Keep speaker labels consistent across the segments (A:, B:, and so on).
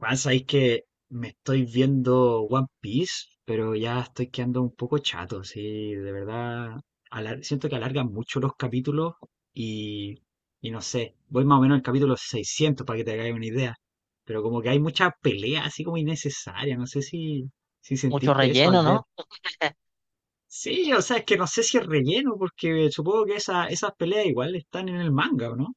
A: Juan, sabéis que me estoy viendo One Piece, pero ya estoy quedando un poco chato, sí, de verdad. Siento que alargan mucho los capítulos y, y no sé, voy más o menos al capítulo 600 para que te hagáis una idea, pero como que hay mucha pelea así como innecesaria, no sé si, si
B: Mucho
A: sentiste eso al
B: relleno,
A: ver.
B: ¿no?
A: Sí, o sea, es que no sé si es relleno, porque supongo que esa, esas peleas igual están en el manga, ¿o no?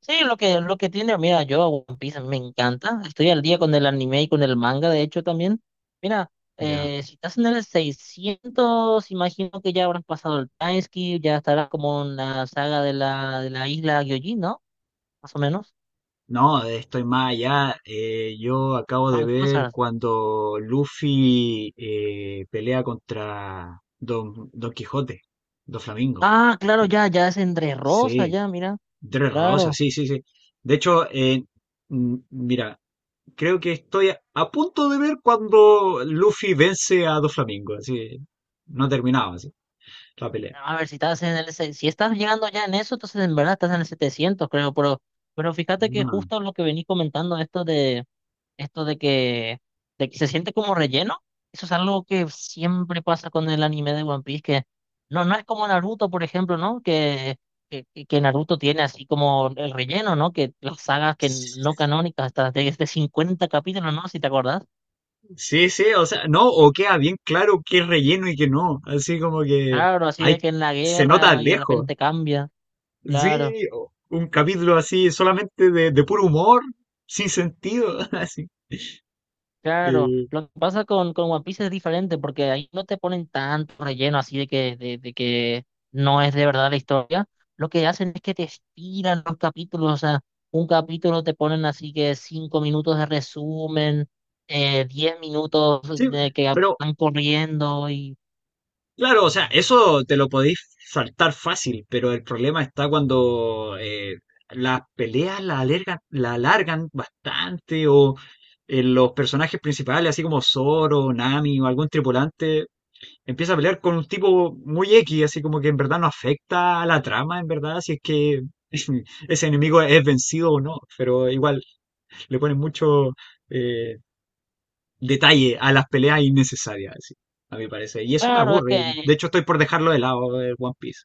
B: Sí, lo que tiene, mira, yo a One Piece me encanta. Estoy al día con el anime y con el manga, de hecho, también. Mira,
A: Ya.
B: si estás en el 600, imagino que ya habrán pasado el Timeskip, ya estará como en la saga de la, isla Gyojin, ¿no? Más o menos.
A: No, estoy más allá. Yo acabo de
B: Phantom
A: ver
B: Hazard.
A: cuando Luffy pelea contra Don, Don Quijote, Don Flamingo.
B: Ah, claro, ya, ya es entre Rosa,
A: Sí,
B: ya, mira.
A: Tres Rosas,
B: Claro.
A: sí, sí, sí. De hecho, mira, creo que estoy a punto de ver cuando Luffy vence a Don Flamingo. Así, no ha terminado así, la pelea.
B: A ver, si estás en el, se- si estás llegando ya en eso, entonces en verdad estás en el 700, creo, pero, fíjate que
A: Ah,
B: justo lo que venís comentando, esto de esto de que se siente como relleno. Eso es algo que siempre pasa con el anime de One Piece, que no es como Naruto, por ejemplo, ¿no? Que Naruto tiene así como el relleno, ¿no? Que las sagas que no canónicas, hasta de 50 capítulos, ¿no? Si te acordás.
A: sí, sí, o sea, no, o queda bien claro qué es relleno y qué no. Así como que
B: Claro, así
A: hay,
B: de que en la
A: se nota
B: guerra y de
A: lejos.
B: repente cambia.
A: Sí,
B: Claro.
A: o- un capítulo así solamente de puro humor, sin sentido, así.
B: Claro,
A: Eh,
B: lo que pasa con, One Piece es diferente porque ahí no te ponen tanto relleno así de que no es de verdad la historia. Lo que hacen es que te estiran los capítulos, o sea, un capítulo te ponen así que 5 minutos de resumen, 10 minutos
A: sí,
B: de que
A: pero
B: van corriendo y
A: claro, o sea, eso te lo podéis saltar fácil, pero el problema está cuando las peleas la alargan bastante o los personajes principales, así como Zoro, Nami o algún tripulante empieza a pelear con un tipo muy X, así como que en verdad no afecta a la trama, en verdad, si es que ese enemigo es vencido o no, pero igual le ponen mucho eh, detalle a las peleas innecesarias, así, a mi parecer. Y eso me
B: claro, es que,
A: aburre, de hecho estoy por dejarlo de lado el One Piece.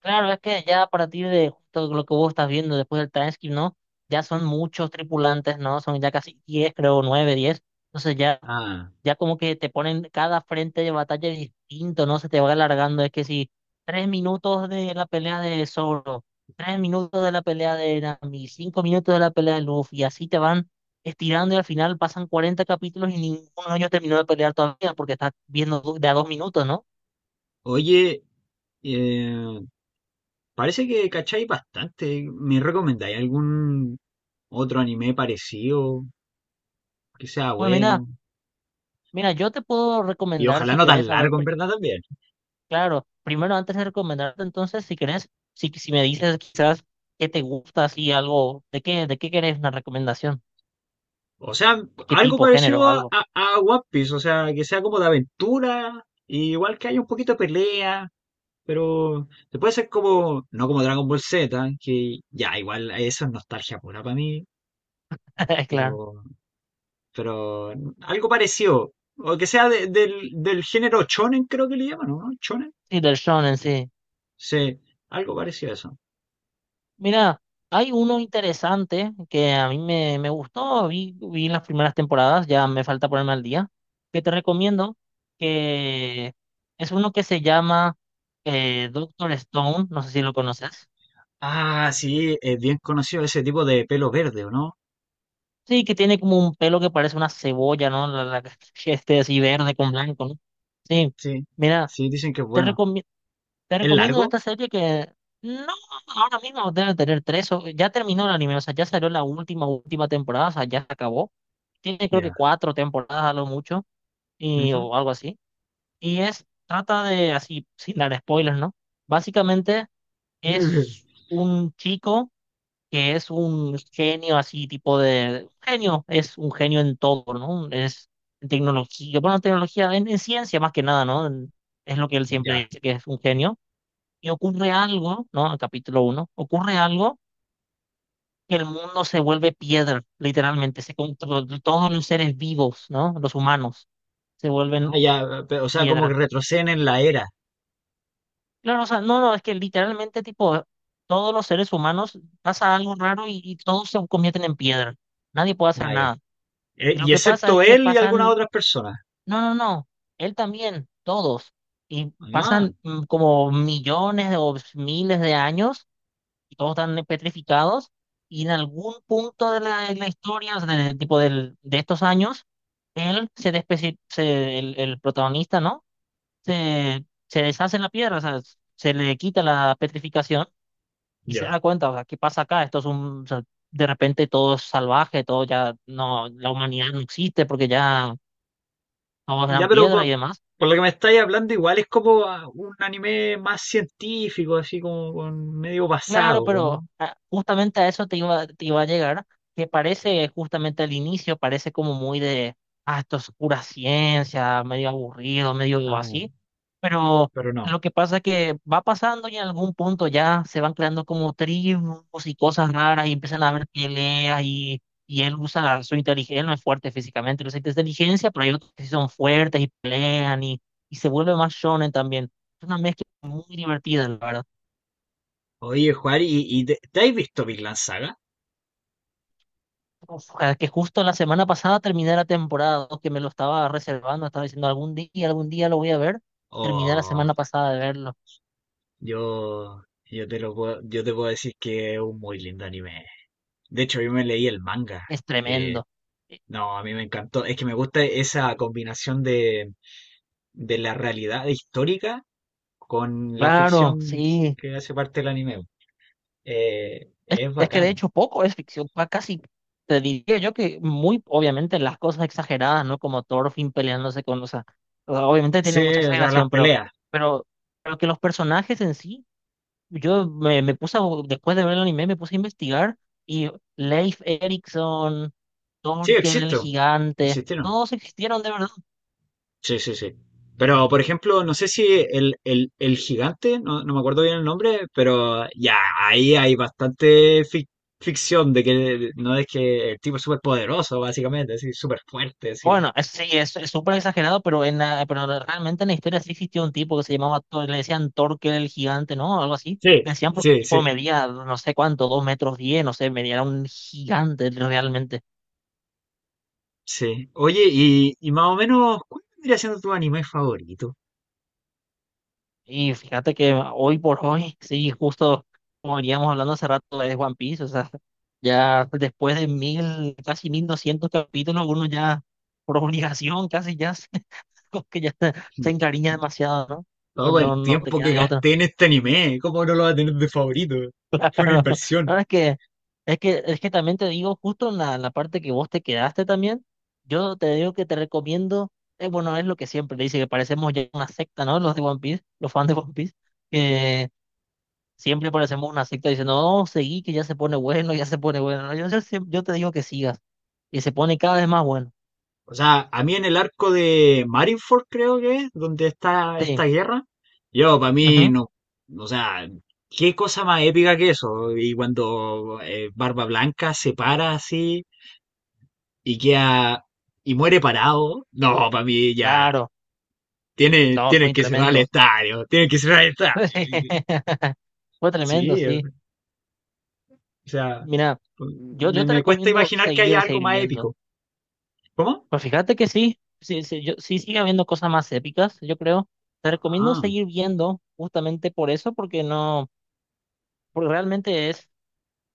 B: claro, es que ya a partir de justo lo que vos estás viendo después del transcript, ¿no? Ya son muchos tripulantes, ¿no? Son ya casi 10, creo, 9, 10. Entonces ya
A: Ah,
B: ya como que te ponen cada frente de batalla distinto, ¿no? Se te va alargando. Es que si 3 minutos de la pelea de Zoro, 3 minutos de la pelea de Nami, 5 minutos de la pelea de Luffy, y así te van estirando y al final pasan 40 capítulos y ninguno de ellos terminó de pelear todavía porque estás viendo de a 2 minutos, ¿no?
A: oye, eh, parece que cacháis bastante, ¿me recomendáis algún otro anime parecido que sea
B: Pues mira,
A: bueno?
B: yo te puedo
A: Y
B: recomendar
A: ojalá
B: si
A: no
B: querés
A: tan
B: saber,
A: largo, en verdad, también.
B: claro, primero antes de recomendarte, entonces, si querés, si me dices quizás qué te gusta, así algo, ¿de qué querés una recomendación?
A: O sea,
B: ¿De qué
A: algo
B: tipo,
A: parecido
B: género,
A: a,
B: algo?
A: a One Piece, o sea, que sea como de aventura, y igual que haya un poquito de pelea, pero se puede ser como, no como Dragon Ball Z, que ya, igual eso es nostalgia pura para mí, pero,
B: Claro.
A: pero algo parecido, o que sea del, del género shonen, creo que le llaman, ¿no? ¿Shonen?
B: Sí, del shonen, sí.
A: Sí, algo parecido a eso.
B: Mira, hay uno interesante que a mí me gustó, vi las primeras temporadas, ya me falta ponerme al día, que te recomiendo, que es uno que se llama Doctor Stone, no sé si lo conoces.
A: Ah, sí, es bien conocido ese tipo de pelo verde, ¿o no?
B: Sí, que tiene como un pelo que parece una cebolla, ¿no? Este así verde con blanco, ¿no? Sí,
A: Sí,
B: mira,
A: sí, dicen que es
B: te
A: bueno.
B: recomiendo, Te
A: ¿Es
B: recomiendo
A: largo?
B: esta serie que no, ahora mismo debe tener tres, o, ya terminó el anime, o sea, ya salió la última, última temporada, o sea, ya se acabó. Tiene creo que
A: Ya.
B: 4 temporadas a lo mucho, y,
A: Ujú.
B: o algo así. Y es, trata de, así, sin dar spoilers, ¿no? Básicamente es un chico que es un genio así, tipo de, genio, es un genio en todo, ¿no? Es en tecnología, bueno, tecnología, en ciencia más que nada, ¿no? Es lo que él siempre
A: Ya.
B: dice, que es un genio y ocurre algo, ¿no? En capítulo uno ocurre algo que el mundo se vuelve piedra, literalmente, todos los seres vivos, ¿no? Los humanos se
A: Ah,
B: vuelven
A: ya, pe- o sea, como que
B: piedra.
A: retroceden en la era.
B: Claro, o sea, no, es que literalmente, tipo, todos los seres humanos pasa algo raro y, todos se convierten en piedra. Nadie puede hacer
A: Ah, ya.
B: nada. Y lo
A: Y
B: que pasa es
A: excepto
B: que
A: él y algunas
B: pasan,
A: otras personas.
B: no, no, no, él también, todos. Y
A: Ah,
B: pasan como millones de- o miles de años y todos están petrificados. Y en algún punto de la, historia, o sea, de, tipo del, de estos años, él el protagonista, ¿no? Se deshace en la piedra, o sea, se le quita la petrificación y se
A: ya.
B: da cuenta, o sea, ¿qué pasa acá? Esto es un, o sea, de repente todo es salvaje, todo ya no, la humanidad no existe porque ya todos
A: Ya,
B: eran
A: pero
B: piedra y demás.
A: por lo que me estáis hablando, igual es como ah, un anime más científico, así como con medio
B: Claro,
A: basado,
B: pero
A: ¿no?
B: justamente a eso te iba a llegar, que parece justamente al inicio, parece como muy de, esto es pura ciencia, medio aburrido, medio
A: Ah,
B: así, pero
A: pero no.
B: lo que pasa es que va pasando y en algún punto ya se van creando como tribus y cosas raras y empiezan a haber peleas y, él usa su inteligencia, él no es fuerte físicamente, él usa inteligencia, pero hay otros que sí son fuertes y pelean y, se vuelve más shonen también. Es una mezcla muy divertida, la verdad.
A: Oye, Juan, y te has visto Vinland Saga?
B: Ojalá que justo la semana pasada terminé la temporada, ¿no? Que me lo estaba reservando, estaba diciendo algún día lo voy a ver. Terminé la
A: Oh,
B: semana pasada de verlo.
A: yo te lo puedo, yo te puedo decir que es un muy lindo anime. De hecho, yo me leí el manga.
B: Es
A: Eh,
B: tremendo. Eh,
A: no, a mí me encantó. Es que me gusta esa combinación de la realidad histórica con la
B: Claro,
A: ficción
B: sí.
A: que hace parte del anime.
B: Es,
A: Es
B: es que de
A: bacán.
B: hecho poco es ficción, casi te diría yo que muy, obviamente, las cosas exageradas, ¿no? Como Thorfinn peleándose con, o sea, obviamente tiene
A: Sí,
B: mucha
A: o sea, las
B: exageración, pero,
A: peleas.
B: pero, pero que los personajes en sí. Yo me puse, después de ver el anime, me puse a investigar y Leif Erikson,
A: Sí,
B: Torkel el
A: existo.
B: gigante,
A: Existieron.
B: todos existieron de verdad.
A: Sí, sí, sí. Pero, por ejemplo, no sé si el, el gigante, no, no me acuerdo bien el nombre, pero ya, ahí hay bastante ficción de que no es que el tipo es súper poderoso, básicamente, así, súper fuerte, así.
B: Bueno, sí, es súper exagerado, pero realmente en la historia sí existió un tipo que se llamaba, le decían Torkel el gigante, ¿no? Algo así.
A: Sí,
B: Le decían porque el
A: sí, sí,
B: tipo medía no sé cuánto, 2,10 metros, no sé, medía era un gigante realmente.
A: sí. Oye, y más o menos, ¿cuál vendría siendo tu anime favorito?
B: Y fíjate que hoy por hoy, sí, justo como veníamos hablando hace rato de One Piece, o sea, ya después de 1000, casi 1200 capítulos, uno ya por obligación casi ya se, como que ya se encariña demasiado, ¿no? Pues
A: Todo
B: no,
A: el
B: no te
A: tiempo
B: queda
A: que
B: de otra.
A: gasté en este anime, ¿cómo no lo va a tener de favorito? Fue una
B: Claro.
A: inversión.
B: Ahora es que también te digo, justo en la, parte que vos te quedaste también, yo te digo que te recomiendo, bueno, es lo que siempre le dice, que parecemos ya una secta, ¿no? Los de One Piece, los fans de One Piece. Siempre parecemos una secta diciendo, no, seguí, que ya se pone bueno, ya se pone bueno. No, yo te digo que sigas. Y se pone cada vez más bueno.
A: O sea, a mí en el arco de Marineford, creo que es, donde está
B: Sí.
A: esta guerra, yo, para mí,
B: Ujú.
A: no. O sea, qué cosa más épica que eso. Y cuando Barba Blanca se para así y queda, y muere parado. No, para mí ya.
B: Claro.
A: Tiene,
B: No,
A: tiene
B: fue
A: que cerrar el
B: tremendo.
A: estadio, tiene que cerrar el estadio.
B: Fue tremendo,
A: Sí,
B: sí.
A: o sea,
B: Mira, yo te
A: me cuesta
B: recomiendo
A: imaginar que haya
B: seguir,
A: algo
B: seguir
A: más
B: viendo.
A: épico. ¿Cómo?
B: Pues fíjate que sí, sí, sí, yo, sí sigue habiendo cosas más épicas, yo creo. Te recomiendo
A: Ah,
B: seguir viendo justamente por eso, porque no, porque realmente es.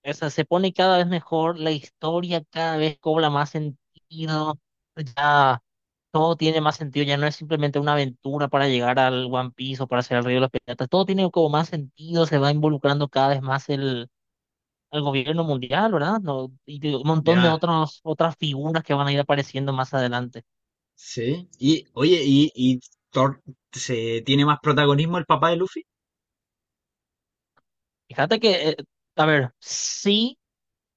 B: O sea, se pone cada vez mejor, la historia cada vez cobra más sentido, ya todo tiene más sentido, ya no es simplemente una aventura para llegar al One Piece o para hacer el Río de los Piratas, todo tiene como más sentido, se va involucrando cada vez más el, gobierno mundial, ¿verdad? No, y un montón de
A: ya,
B: otros, otras figuras que van a ir apareciendo más adelante.
A: sí. Y, oye, y Thor se tiene más protagonismo el papá de Luffy?
B: Fíjate que, a ver, sí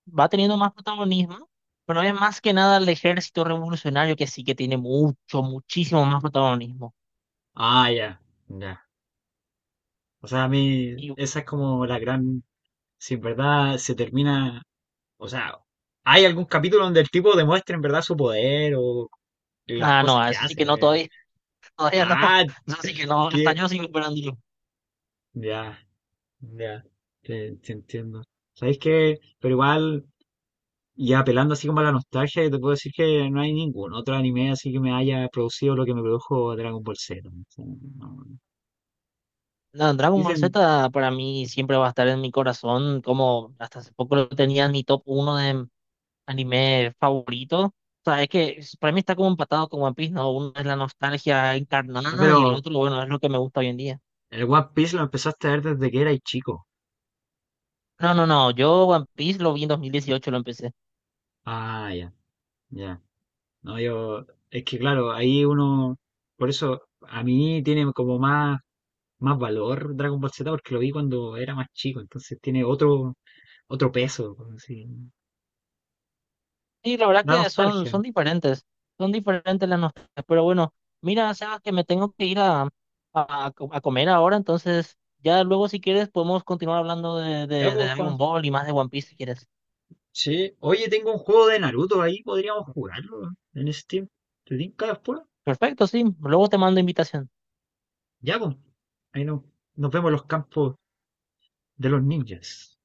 B: va teniendo más protagonismo. Pero es más que nada el ejército revolucionario que sí que tiene mucho, muchísimo más protagonismo.
A: Ah, ya, ya. O sea, a mí esa es como la gran... Si en verdad se termina... O sea, ¿hay algún capítulo donde el tipo demuestre en verdad su poder o las
B: Ah,
A: cosas
B: no, a
A: que
B: eso sí que
A: hace? O
B: no,
A: sea,
B: todavía, todavía no.
A: ah,
B: Eso sí que no, hasta
A: que...
B: yo sigo esperándolo.
A: Ya, ya, te entiendo. ¿Sabéis qué? Pero igual... Y apelando así como a la nostalgia, yo te puedo decir que no hay ningún otro anime así que me haya producido lo que me produjo Dragon Ball Z, ¿no? O sea, no-
B: No, Dragon Ball
A: Dicen,
B: Z para mí siempre va a estar en mi corazón, como hasta hace poco lo tenía en mi top uno de anime favorito. O sea, es que para mí está como empatado con One Piece, ¿no? Uno es la nostalgia
A: ah,
B: encarnada y el
A: pero
B: otro, bueno, es lo que me gusta hoy en día.
A: el One Piece lo empezaste a ver desde que eras chico.
B: No, no, no, yo One Piece lo vi en 2018, lo empecé.
A: Ah, ya, ya. No, yo, es que claro, ahí uno, por eso a mí tiene como más, más valor Dragon Ball Z porque lo vi cuando era más chico, entonces tiene otro, otro peso, como así.
B: Sí, la verdad
A: Da
B: que son,
A: nostalgia.
B: son diferentes, son diferentes las nostalgias, pero bueno, mira, Sebas, que me tengo que ir a, a comer ahora, entonces ya luego si quieres podemos continuar hablando de,
A: Ya,
B: de, de
A: pues, Juan,
B: Dragon Ball y más de One Piece si quieres.
A: sí, oye, tengo un juego de Naruto ahí, podríamos jugarlo en Steam. ¿Te tinca después?
B: Perfecto, sí, luego te mando invitación.
A: Ya, pues. Ahí no, nos vemos en los campos de los ninjas.